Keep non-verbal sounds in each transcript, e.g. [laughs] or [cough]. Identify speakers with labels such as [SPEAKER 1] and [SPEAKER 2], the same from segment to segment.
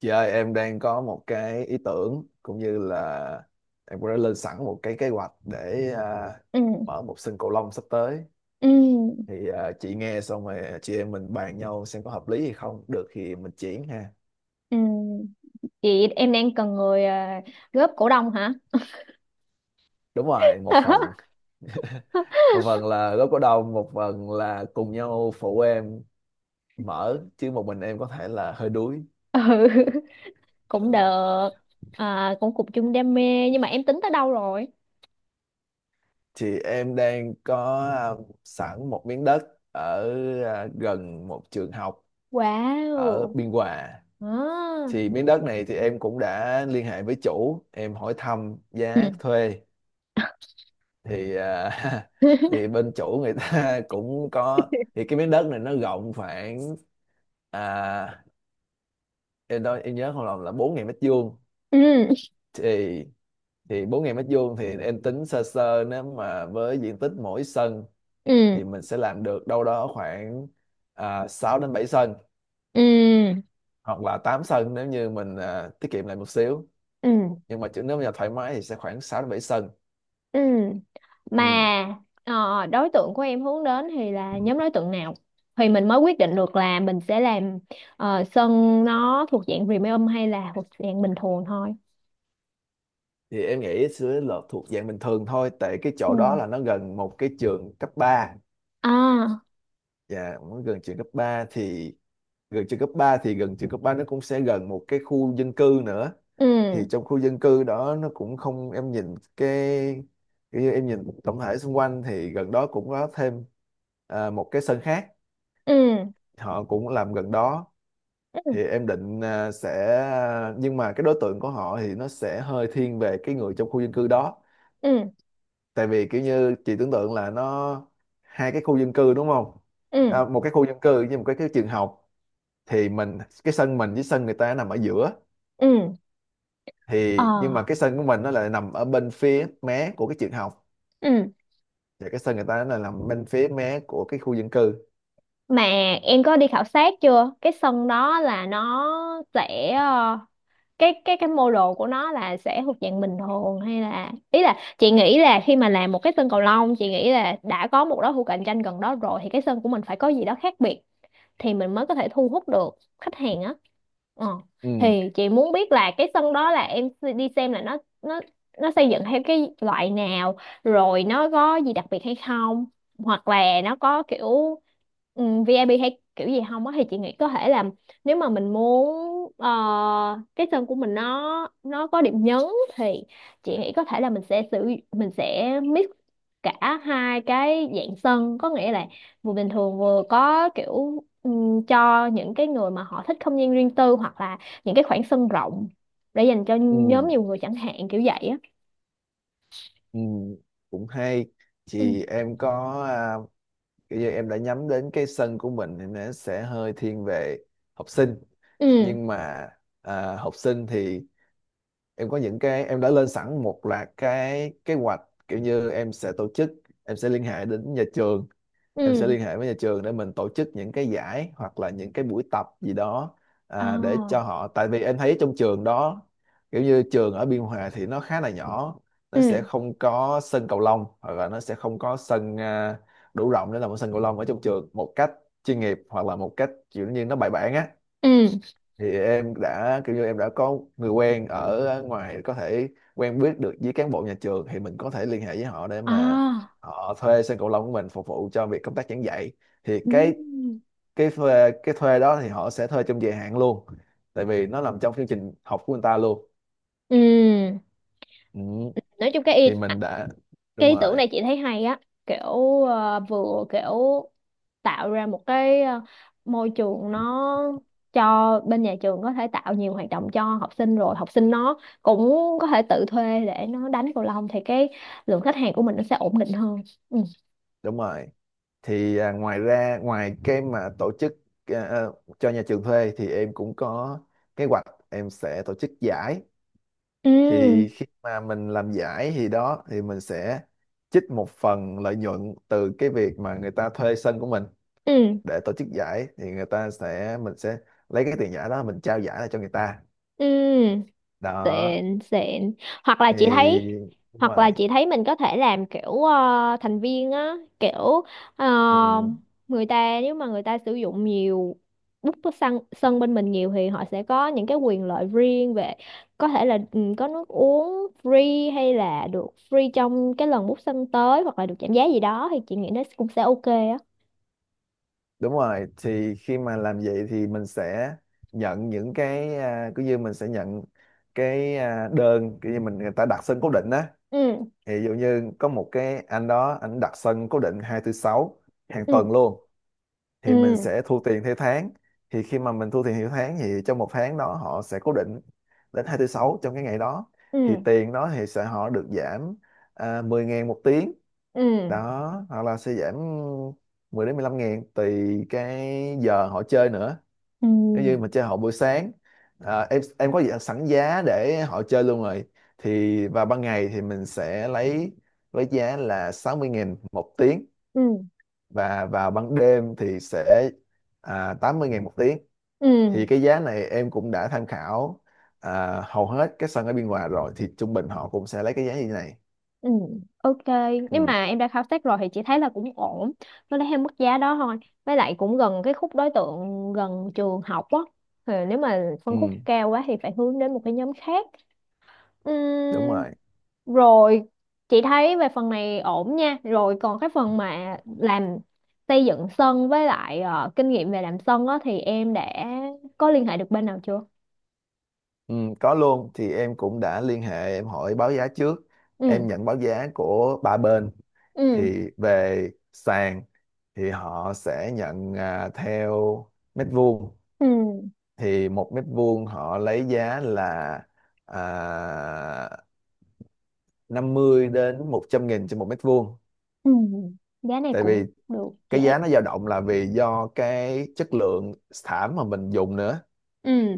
[SPEAKER 1] Chị ơi, em đang có một cái ý tưởng cũng như là em cũng đã lên sẵn một cái kế hoạch để
[SPEAKER 2] Ừ,
[SPEAKER 1] mở một sân cầu lông sắp tới.
[SPEAKER 2] ừ,
[SPEAKER 1] Thì chị nghe xong rồi chị em mình bàn nhau xem có hợp lý hay không. Được thì mình chuyển ha.
[SPEAKER 2] ừ, chị em đang cần người góp cổ đông hả?
[SPEAKER 1] Đúng rồi, một phần.
[SPEAKER 2] [laughs]
[SPEAKER 1] [laughs] Một phần là góp cổ đông, một phần là cùng nhau phụ em mở chứ một mình em có thể là hơi đuối.
[SPEAKER 2] Ừ, cũng
[SPEAKER 1] Ờ.
[SPEAKER 2] được. Cũng cùng chung đam mê, nhưng mà em tính tới đâu rồi?
[SPEAKER 1] Thì em đang có sẵn một miếng đất ở gần một trường học ở
[SPEAKER 2] Wow.
[SPEAKER 1] Biên Hòa.
[SPEAKER 2] À.
[SPEAKER 1] Thì miếng đất này thì em cũng đã liên hệ với chủ em hỏi thăm giá
[SPEAKER 2] Ừ.
[SPEAKER 1] thuê, thì [laughs] thì
[SPEAKER 2] [laughs]
[SPEAKER 1] bên chủ người ta [laughs] cũng có, thì cái miếng đất này nó rộng khoảng à, em đó em nhớ không lầm là 4.000 mét vuông.
[SPEAKER 2] Ừ,
[SPEAKER 1] Thì 4.000 mét vuông thì em tính sơ sơ, nếu mà với diện tích mỗi sân
[SPEAKER 2] ừ,
[SPEAKER 1] thì mình sẽ làm được đâu đó khoảng 6 đến 7 sân,
[SPEAKER 2] ừ,
[SPEAKER 1] hoặc là 8 sân nếu như mình tiết kiệm lại một xíu.
[SPEAKER 2] ừ,
[SPEAKER 1] Nhưng mà chứ nếu mà thoải mái thì sẽ khoảng 6 đến 7 sân.
[SPEAKER 2] ừ. Mà
[SPEAKER 1] Ừ.
[SPEAKER 2] đối tượng của em hướng đến thì là nhóm đối tượng nào thì mình mới quyết định được là mình sẽ làm, sân nó thuộc dạng premium hay là thuộc dạng bình thường thôi?
[SPEAKER 1] Thì em nghĩ sẽ là thuộc dạng bình thường thôi, tại cái
[SPEAKER 2] Ừ.
[SPEAKER 1] chỗ đó là nó gần một cái trường cấp ba,
[SPEAKER 2] À.
[SPEAKER 1] và nó gần trường cấp 3 thì gần trường cấp 3 nó cũng sẽ gần một cái khu dân cư nữa.
[SPEAKER 2] Ừ,
[SPEAKER 1] Thì trong khu dân cư đó nó cũng không, em nhìn cái, kiểu như em nhìn tổng thể xung quanh thì gần đó cũng có thêm một cái sân khác,
[SPEAKER 2] ừ,
[SPEAKER 1] họ cũng làm gần đó.
[SPEAKER 2] ừ,
[SPEAKER 1] Thì em định sẽ, nhưng mà cái đối tượng của họ thì nó sẽ hơi thiên về cái người trong khu dân cư đó,
[SPEAKER 2] ừ,
[SPEAKER 1] tại vì kiểu như chị tưởng tượng là nó hai cái khu dân cư đúng không,
[SPEAKER 2] ừ,
[SPEAKER 1] một cái khu dân cư với một cái trường học, thì mình cái sân mình với sân người ta nằm ở giữa.
[SPEAKER 2] ừ, ờ,
[SPEAKER 1] Thì nhưng mà cái sân của mình nó lại nằm ở bên phía mé của cái trường học,
[SPEAKER 2] ừ.
[SPEAKER 1] và cái sân người ta nó là nằm bên phía mé của cái khu dân cư.
[SPEAKER 2] Mà em có đi khảo sát chưa, cái sân đó là nó sẽ cái mô đồ của nó là sẽ thuộc dạng bình thường hay là, ý là chị nghĩ là khi mà làm một cái sân cầu lông, chị nghĩ là đã có một đối thủ cạnh tranh gần đó rồi thì cái sân của mình phải có gì đó khác biệt thì mình mới có thể thu hút được khách hàng á. Ờ.
[SPEAKER 1] Ừ,
[SPEAKER 2] Thì chị muốn biết là cái sân đó là em s- đi xem là nó nó xây dựng theo cái loại nào, rồi nó có gì đặc biệt hay không, hoặc là nó có kiểu VIP hay kiểu gì không á, thì chị nghĩ có thể là, nếu mà mình muốn ờ, cái sân của mình nó có điểm nhấn thì chị nghĩ có thể là mình sẽ mix cả hai cái dạng sân, có nghĩa là vừa bình thường vừa có kiểu cho những cái người mà họ thích không gian riêng tư, hoặc là những cái khoảng sân rộng để dành cho
[SPEAKER 1] ừ,
[SPEAKER 2] nhóm nhiều người chẳng hạn, kiểu vậy á.
[SPEAKER 1] ừ, cũng hay.
[SPEAKER 2] Ừ,
[SPEAKER 1] Thì em có kiểu như em đã nhắm đến cái sân của mình thì nó sẽ hơi thiên về học sinh.
[SPEAKER 2] ừ,
[SPEAKER 1] Nhưng mà học sinh thì em có những cái, em đã lên sẵn một loạt cái kế hoạch, kiểu như em sẽ tổ chức, em sẽ liên hệ đến nhà trường, em sẽ
[SPEAKER 2] ừ,
[SPEAKER 1] liên hệ với nhà trường để mình tổ chức những cái giải hoặc là những cái buổi tập gì đó để cho
[SPEAKER 2] à,
[SPEAKER 1] họ. Tại vì em thấy trong trường đó, kiểu như trường ở Biên Hòa thì nó khá là nhỏ, nó
[SPEAKER 2] ừ,
[SPEAKER 1] sẽ không có sân cầu lông, hoặc là nó sẽ không có sân đủ rộng để làm một sân cầu lông ở trong trường một cách chuyên nghiệp, hoặc là một cách kiểu như nó bài bản á.
[SPEAKER 2] ừ,
[SPEAKER 1] Thì em đã, kiểu như em đã có người quen ở ngoài có thể quen biết được với cán bộ nhà trường, thì mình có thể liên hệ với họ để mà
[SPEAKER 2] à,
[SPEAKER 1] họ thuê sân cầu lông của mình phục vụ cho việc công tác giảng dạy. Thì cái
[SPEAKER 2] ừ,
[SPEAKER 1] cái thuê đó thì họ sẽ thuê trong dài hạn luôn, tại vì nó nằm trong chương trình học của người ta luôn.
[SPEAKER 2] ừ.
[SPEAKER 1] Ừ.
[SPEAKER 2] Nói chung cái
[SPEAKER 1] Thì mình đã,
[SPEAKER 2] cái
[SPEAKER 1] đúng
[SPEAKER 2] ý tưởng
[SPEAKER 1] rồi,
[SPEAKER 2] này chị thấy hay á, kiểu vừa kiểu tạo ra một cái môi trường nó cho bên nhà trường có thể tạo nhiều hoạt động cho học sinh, rồi học sinh nó cũng có thể tự thuê để nó đánh cầu lông, thì cái lượng khách hàng của mình nó sẽ ổn định hơn. Ừ,
[SPEAKER 1] đúng rồi. Thì ngoài ra, ngoài cái mà tổ chức à, à, cho nhà trường thuê thì em cũng có kế hoạch em sẽ tổ chức giải.
[SPEAKER 2] ừ,
[SPEAKER 1] Thì khi mà mình làm giải thì đó thì mình sẽ trích một phần lợi nhuận từ cái việc mà người ta thuê sân của mình
[SPEAKER 2] ừ,
[SPEAKER 1] để tổ chức giải, thì người ta sẽ, mình sẽ lấy cái tiền giải đó mình trao giải lại cho người ta.
[SPEAKER 2] ừ.
[SPEAKER 1] Đó.
[SPEAKER 2] Xịn xịn. hoặc là
[SPEAKER 1] Thì
[SPEAKER 2] chị thấy
[SPEAKER 1] đúng
[SPEAKER 2] Hoặc là
[SPEAKER 1] rồi,
[SPEAKER 2] chị thấy mình có thể làm kiểu thành viên á, kiểu ờ,
[SPEAKER 1] ừ,
[SPEAKER 2] người ta nếu mà người ta sử dụng nhiều, bút có sân sân bên mình nhiều thì họ sẽ có những cái quyền lợi riêng, về có thể là ừ, có nước uống free, hay là được free trong cái lần bút sân tới, hoặc là được giảm giá gì đó, thì chị nghĩ nó cũng sẽ ok á.
[SPEAKER 1] đúng rồi. Thì khi mà làm vậy thì mình sẽ nhận những cái cứ như mình sẽ nhận cái đơn cứ như mình, người ta đặt sân cố định á.
[SPEAKER 2] Ừ,
[SPEAKER 1] Thì ví dụ như có một cái anh đó anh đặt sân cố định hai thứ sáu hàng
[SPEAKER 2] ừ,
[SPEAKER 1] tuần luôn, thì mình
[SPEAKER 2] ừ,
[SPEAKER 1] sẽ thu tiền theo tháng. Thì khi mà mình thu tiền theo tháng thì trong một tháng đó họ sẽ cố định đến hai tư sáu trong cái ngày đó, thì
[SPEAKER 2] ừ,
[SPEAKER 1] tiền đó thì sẽ họ được giảm 10 ngàn một tiếng,
[SPEAKER 2] ừ,
[SPEAKER 1] đó, hoặc là sẽ giảm 10 đến 15 ngàn tùy cái giờ họ chơi nữa.
[SPEAKER 2] ừ,
[SPEAKER 1] Nếu như mà chơi họ buổi sáng em có sẵn giá để họ chơi luôn rồi. Thì vào ban ngày thì mình sẽ lấy với giá là 60 ngàn một tiếng, và vào ban đêm thì sẽ 80 ngàn một tiếng.
[SPEAKER 2] ừ.
[SPEAKER 1] Thì cái giá này em cũng đã tham khảo hầu hết các sân ở Biên Hòa rồi, thì trung bình họ cũng sẽ lấy cái giá như thế này.
[SPEAKER 2] Ừ, ok. Nếu
[SPEAKER 1] Ừ,
[SPEAKER 2] mà em đã khảo sát rồi thì chị thấy là cũng ổn. Nó lấy theo mức giá đó thôi. Với lại cũng gần cái khúc đối tượng gần trường học á. Thì nếu mà phân khúc
[SPEAKER 1] ừ,
[SPEAKER 2] cao quá thì phải hướng đến một cái nhóm khác.
[SPEAKER 1] đúng
[SPEAKER 2] Ừm.
[SPEAKER 1] rồi.
[SPEAKER 2] Rồi, chị thấy về phần này ổn nha. Rồi còn cái phần mà làm xây dựng sân, với lại kinh nghiệm về làm sân á, thì em đã có liên hệ được bên nào chưa?
[SPEAKER 1] Ừ, có luôn. Thì em cũng đã liên hệ em hỏi báo giá trước,
[SPEAKER 2] Ừ,
[SPEAKER 1] em nhận báo giá của ba bên.
[SPEAKER 2] ừ,
[SPEAKER 1] Thì về sàn thì họ sẽ nhận theo mét vuông.
[SPEAKER 2] ừ,
[SPEAKER 1] Thì một mét vuông họ lấy giá là à, 50 đến 100 nghìn trên một mét vuông,
[SPEAKER 2] ừ. Giá này
[SPEAKER 1] tại
[SPEAKER 2] cũng
[SPEAKER 1] vì
[SPEAKER 2] được, chị
[SPEAKER 1] cái
[SPEAKER 2] thấy.
[SPEAKER 1] giá nó dao động là vì do cái chất lượng thảm mà mình dùng nữa.
[SPEAKER 2] Ừ,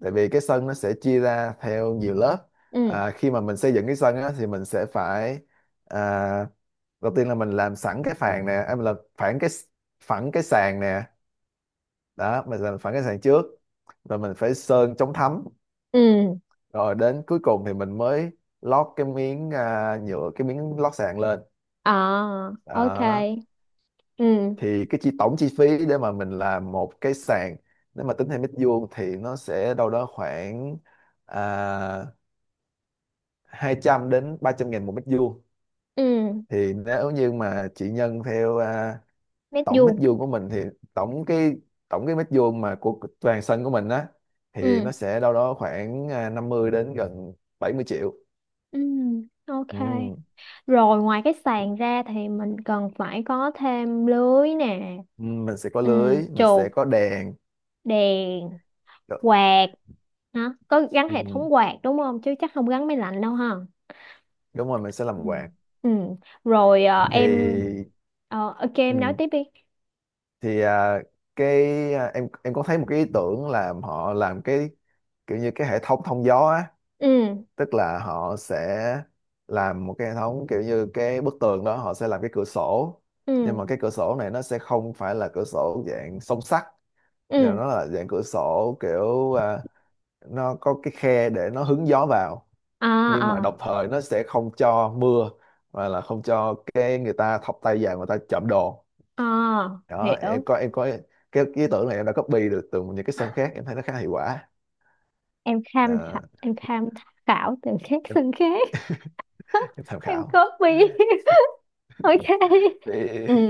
[SPEAKER 1] Tại vì cái sân nó sẽ chia ra theo nhiều lớp.
[SPEAKER 2] ừ.
[SPEAKER 1] Khi mà mình xây dựng cái sân á, thì mình sẽ phải à, đầu tiên là mình làm sẵn cái phản nè, em là phản cái phẳng cái sàn nè, đó mình làm phẳng cái sàn trước, rồi mình phải sơn chống thấm,
[SPEAKER 2] Ừ.
[SPEAKER 1] rồi đến cuối cùng thì mình mới lót cái miếng nhựa, cái miếng lót sàn lên.
[SPEAKER 2] À, ok.
[SPEAKER 1] Đó.
[SPEAKER 2] Ừ,
[SPEAKER 1] Thì cái chi, tổng chi phí để mà mình làm một cái sàn nếu mà tính theo mét vuông thì nó sẽ đâu đó khoảng à, 200 đến 300 ngàn một mét vuông.
[SPEAKER 2] ừ,
[SPEAKER 1] Thì nếu như mà chị nhân theo
[SPEAKER 2] nét
[SPEAKER 1] tổng mét
[SPEAKER 2] vuông.
[SPEAKER 1] vuông của mình thì tổng cái tổng cái mét vuông mà của toàn sân của mình á, thì
[SPEAKER 2] Ừ,
[SPEAKER 1] nó sẽ đâu đó khoảng 50 đến gần 70 triệu.
[SPEAKER 2] ừ, ok.
[SPEAKER 1] Ừ.
[SPEAKER 2] Rồi ngoài cái sàn ra thì mình cần phải có thêm lưới nè,
[SPEAKER 1] Ừ, mình sẽ có
[SPEAKER 2] ừ,
[SPEAKER 1] lưới, mình sẽ
[SPEAKER 2] chụp,
[SPEAKER 1] có đèn.
[SPEAKER 2] đèn,
[SPEAKER 1] Đ-
[SPEAKER 2] quạt. Hả? Có gắn hệ
[SPEAKER 1] ừ.
[SPEAKER 2] thống quạt đúng không? Chứ chắc không gắn máy lạnh đâu ha.
[SPEAKER 1] Đúng rồi, mình sẽ
[SPEAKER 2] Ừ.
[SPEAKER 1] làm quạt.
[SPEAKER 2] Ừ, rồi em...
[SPEAKER 1] Thì.
[SPEAKER 2] Ờ, ok, em nói
[SPEAKER 1] Ừ.
[SPEAKER 2] tiếp đi.
[SPEAKER 1] Thì cái em có thấy một cái ý tưởng là họ làm cái kiểu như cái hệ thống thông gió á.
[SPEAKER 2] Ừ,
[SPEAKER 1] Tức là họ sẽ làm một cái hệ thống kiểu như cái bức tường đó họ sẽ làm cái cửa sổ, nhưng
[SPEAKER 2] ừ,
[SPEAKER 1] mà cái cửa sổ này nó sẽ không phải là cửa sổ dạng song sắt, nhưng mà
[SPEAKER 2] ừ.
[SPEAKER 1] nó là dạng cửa sổ kiểu nó có cái khe để nó hứng gió vào,
[SPEAKER 2] À,
[SPEAKER 1] nhưng mà
[SPEAKER 2] à,
[SPEAKER 1] đồng thời nó sẽ không cho mưa, và là không cho cái người ta thọc tay vào người ta trộm đồ.
[SPEAKER 2] à,
[SPEAKER 1] Đó. em
[SPEAKER 2] hiểu.
[SPEAKER 1] có em có cái ý tưởng này em đã copy được từ những cái sân khác em thấy nó khá hiệu quả. Đó,
[SPEAKER 2] Em tham khảo từ các
[SPEAKER 1] em,
[SPEAKER 2] xương khác. [laughs]
[SPEAKER 1] em tham
[SPEAKER 2] Em
[SPEAKER 1] khảo.
[SPEAKER 2] copy. [laughs] Ok. Ừ,
[SPEAKER 1] thì,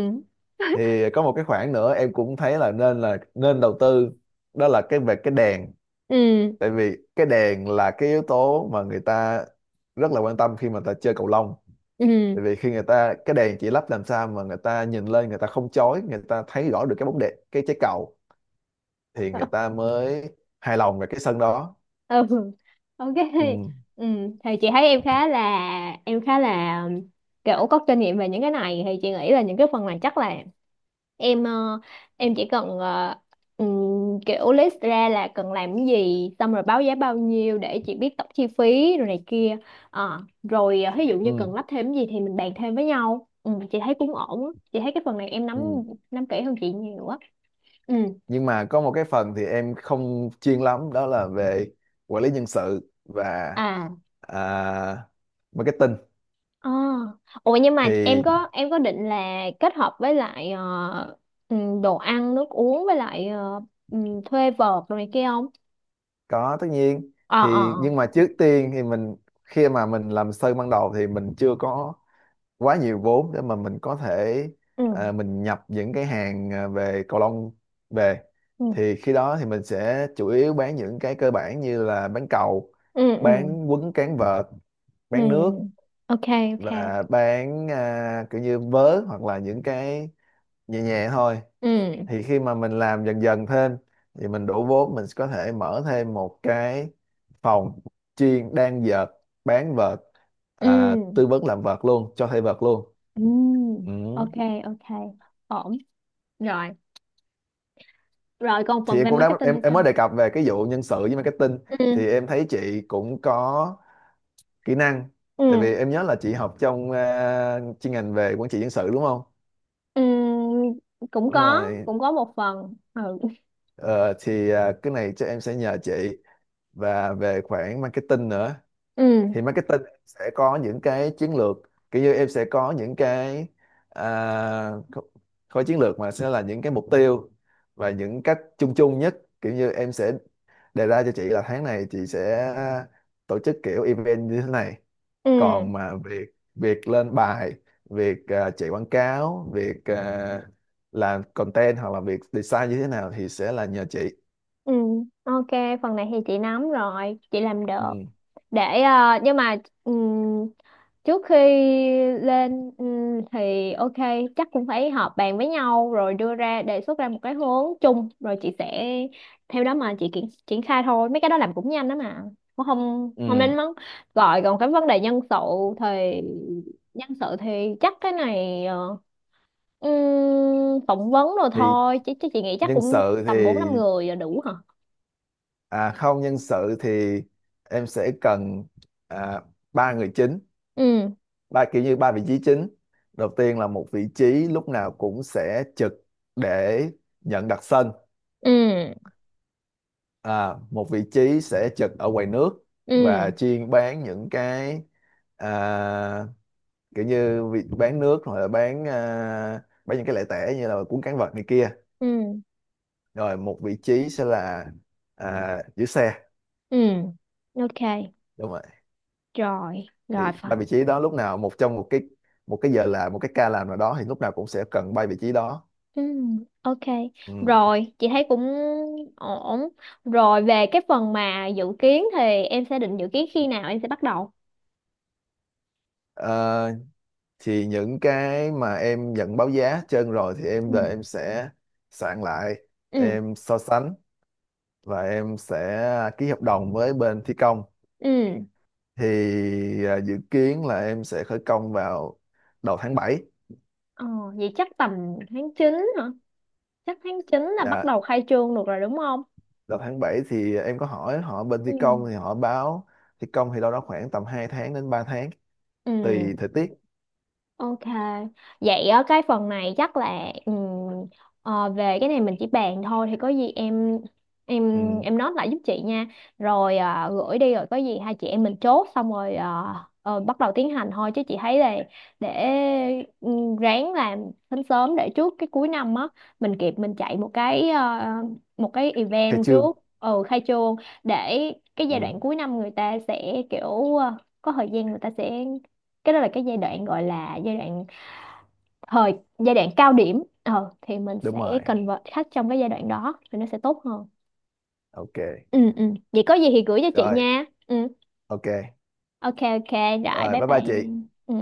[SPEAKER 1] thì có một cái khoản nữa em cũng thấy là nên đầu tư, đó là cái về cái đèn.
[SPEAKER 2] ừ,
[SPEAKER 1] Tại vì cái đèn là cái yếu tố mà người ta rất là quan tâm khi mà người ta chơi cầu lông.
[SPEAKER 2] ừ.
[SPEAKER 1] Tại vì khi người ta, cái đèn chỉ lắp làm sao mà người ta nhìn lên người ta không chói, người ta thấy rõ được cái bóng đệm cái trái cầu, thì người
[SPEAKER 2] [laughs]
[SPEAKER 1] ta mới hài lòng về cái sân đó.
[SPEAKER 2] Ừ, ok,
[SPEAKER 1] Ừ,
[SPEAKER 2] ừ. Thì chị thấy em khá là kiểu có kinh nghiệm về những cái này, thì chị nghĩ là những cái phần này chắc là em em chỉ cần kiểu list ra là cần làm cái gì, xong rồi báo giá bao nhiêu để chị biết tổng chi phí rồi này kia. Ờ, rồi ví dụ như
[SPEAKER 1] ừ,
[SPEAKER 2] cần lắp thêm cái gì thì mình bàn thêm với nhau. Ừ, chị thấy cũng ổn á. Chị thấy cái phần này em nắm
[SPEAKER 1] ừ.
[SPEAKER 2] nắm kỹ hơn chị nhiều á. Ừ,
[SPEAKER 1] Nhưng mà có một cái phần thì em không chuyên lắm, đó là về quản lý nhân sự và
[SPEAKER 2] à,
[SPEAKER 1] à, marketing.
[SPEAKER 2] ờ. Ủa nhưng mà
[SPEAKER 1] Thì
[SPEAKER 2] em có định là kết hợp với lại đồ ăn nước uống, với lại thuê vợt rồi này kia không?
[SPEAKER 1] có tất nhiên.
[SPEAKER 2] Ờ,
[SPEAKER 1] Thì
[SPEAKER 2] ờ,
[SPEAKER 1] nhưng
[SPEAKER 2] ờ,
[SPEAKER 1] mà trước tiên thì mình, khi mà mình làm sơ ban đầu thì mình chưa có quá nhiều vốn để mà mình có thể
[SPEAKER 2] ừ,
[SPEAKER 1] mình nhập những cái hàng về cầu lông về.
[SPEAKER 2] ừ,
[SPEAKER 1] Thì khi đó thì mình sẽ chủ yếu bán những cái cơ bản như là bán cầu,
[SPEAKER 2] ừ, ừ,
[SPEAKER 1] bán quấn cán vợt,
[SPEAKER 2] ừ,
[SPEAKER 1] bán nước,
[SPEAKER 2] ok, ok,
[SPEAKER 1] và bán kiểu như vớ hoặc là những cái nhẹ nhẹ thôi.
[SPEAKER 2] ừ,
[SPEAKER 1] Thì khi mà mình làm dần dần thêm thì mình đủ vốn mình có thể mở thêm một cái phòng chuyên đan vợt, bán vợt,
[SPEAKER 2] ừ,
[SPEAKER 1] tư vấn làm vợt luôn, cho thuê vợt luôn.
[SPEAKER 2] ừ,
[SPEAKER 1] Ừ.
[SPEAKER 2] ok, ok, ổn. Rồi, rồi còn
[SPEAKER 1] Thì
[SPEAKER 2] phần
[SPEAKER 1] em
[SPEAKER 2] về
[SPEAKER 1] cũng đã
[SPEAKER 2] marketing
[SPEAKER 1] em
[SPEAKER 2] hay
[SPEAKER 1] em mới
[SPEAKER 2] sao?
[SPEAKER 1] đề cập về cái vụ nhân sự với marketing.
[SPEAKER 2] Ừ,
[SPEAKER 1] Thì em thấy chị cũng có kỹ năng,
[SPEAKER 2] ừ,
[SPEAKER 1] tại vì em nhớ là chị học trong chuyên ngành về quản trị nhân sự đúng không.
[SPEAKER 2] ừ. Cũng
[SPEAKER 1] Đúng
[SPEAKER 2] có,
[SPEAKER 1] rồi.
[SPEAKER 2] cũng có một phần. Ừ,
[SPEAKER 1] Ờ, thì cái này chắc em sẽ nhờ chị, và về khoản marketing nữa.
[SPEAKER 2] ừ,
[SPEAKER 1] Thì marketing sẽ có những cái chiến lược, kiểu như em sẽ có những cái à, kho- khối chiến lược mà sẽ là những cái mục tiêu và những cách chung chung nhất, kiểu như em sẽ đề ra cho chị là tháng này chị sẽ tổ chức kiểu event như thế này.
[SPEAKER 2] ừ,
[SPEAKER 1] Còn mà việc việc lên bài, việc chạy quảng cáo, việc làm content, hoặc là việc design như thế nào, thì sẽ là nhờ chị.
[SPEAKER 2] ừ, ok. Phần này thì chị nắm rồi, chị làm được.
[SPEAKER 1] Ừ.
[SPEAKER 2] Để nhưng mà ừ, trước khi lên ừ, thì ok, chắc cũng phải họp bàn với nhau rồi đưa ra đề xuất ra một cái hướng chung, rồi chị sẽ theo đó mà chị triển triển khai thôi. Mấy cái đó làm cũng nhanh đó mà, cũng không không nên
[SPEAKER 1] Ừ.
[SPEAKER 2] mắng gọi. Còn cái vấn đề nhân sự thì, nhân sự thì chắc cái này phỏng vấn rồi
[SPEAKER 1] Thì
[SPEAKER 2] thôi chứ, chứ chị nghĩ chắc
[SPEAKER 1] nhân
[SPEAKER 2] cũng
[SPEAKER 1] sự
[SPEAKER 2] tầm bốn
[SPEAKER 1] thì,
[SPEAKER 2] năm người là đủ hả?
[SPEAKER 1] à, không, nhân sự thì em sẽ cần à, ba người chính,
[SPEAKER 2] Ừ,
[SPEAKER 1] ba, kiểu như ba vị trí chính. Đầu tiên là một vị trí lúc nào cũng sẽ trực để nhận đặt sân.
[SPEAKER 2] ừ,
[SPEAKER 1] À, một vị trí sẽ trực ở quầy nước và
[SPEAKER 2] ừ,
[SPEAKER 1] chuyên bán những cái à, bán nước, hoặc là bán bán những cái lẻ tẻ như là cuốn cán vật này kia.
[SPEAKER 2] ừ,
[SPEAKER 1] Rồi một vị trí sẽ là giữ xe.
[SPEAKER 2] ừ, ok,
[SPEAKER 1] Đúng.
[SPEAKER 2] rồi, rồi.
[SPEAKER 1] Thì ba vị trí đó lúc nào, một trong một cái, giờ làm một cái ca làm nào đó, thì lúc nào cũng sẽ cần ba vị trí đó.
[SPEAKER 2] Ừ, ok,
[SPEAKER 1] Ừ.
[SPEAKER 2] rồi, chị thấy cũng ổn. Rồi về cái phần mà dự kiến thì em sẽ định dự kiến khi nào em sẽ bắt đầu?
[SPEAKER 1] Ờ, thì những cái mà em nhận báo giá trên rồi thì em
[SPEAKER 2] Ừ.
[SPEAKER 1] là em sẽ soạn lại,
[SPEAKER 2] Ừ,
[SPEAKER 1] em so sánh và em sẽ ký hợp đồng với bên thi công.
[SPEAKER 2] ừ,
[SPEAKER 1] Thì dự kiến là em sẽ khởi công vào đầu tháng 7.
[SPEAKER 2] ờ, vậy chắc tầm tháng 9 hả? Chắc tháng 9 là bắt
[SPEAKER 1] Dạ,
[SPEAKER 2] đầu khai trương được rồi đúng không?
[SPEAKER 1] đầu tháng 7 thì em có hỏi họ bên
[SPEAKER 2] Ừ,
[SPEAKER 1] thi công thì họ báo thi công thì đâu đó khoảng tầm 2 tháng đến 3 tháng tùy
[SPEAKER 2] ừ.
[SPEAKER 1] thời tiết.
[SPEAKER 2] Ok, vậy ở cái phần này chắc là về cái này mình chỉ bàn thôi, thì có gì em
[SPEAKER 1] Ừ.
[SPEAKER 2] em nói lại giúp chị nha. Rồi gửi đi rồi có gì hai chị em mình chốt xong, rồi bắt đầu tiến hành thôi, chứ chị thấy là để ráng làm sớm sớm để trước cái cuối năm á, mình kịp mình chạy một cái một cái
[SPEAKER 1] Khai
[SPEAKER 2] event
[SPEAKER 1] trương.
[SPEAKER 2] trước ừ khai trương, để cái giai
[SPEAKER 1] Ừ,
[SPEAKER 2] đoạn cuối năm người ta sẽ kiểu có thời gian người ta sẽ, cái đó là cái giai đoạn gọi là giai đoạn cao điểm, thì mình
[SPEAKER 1] đúng rồi.
[SPEAKER 2] sẽ convert khách trong cái giai đoạn đó thì nó sẽ tốt hơn.
[SPEAKER 1] Ok
[SPEAKER 2] Ừ, ừ, vậy có gì thì gửi cho chị
[SPEAKER 1] rồi.
[SPEAKER 2] nha. Ừ,
[SPEAKER 1] Ok
[SPEAKER 2] ok, ok. Rồi
[SPEAKER 1] rồi,
[SPEAKER 2] bye
[SPEAKER 1] bye bye
[SPEAKER 2] bye.
[SPEAKER 1] chị.
[SPEAKER 2] Ừ.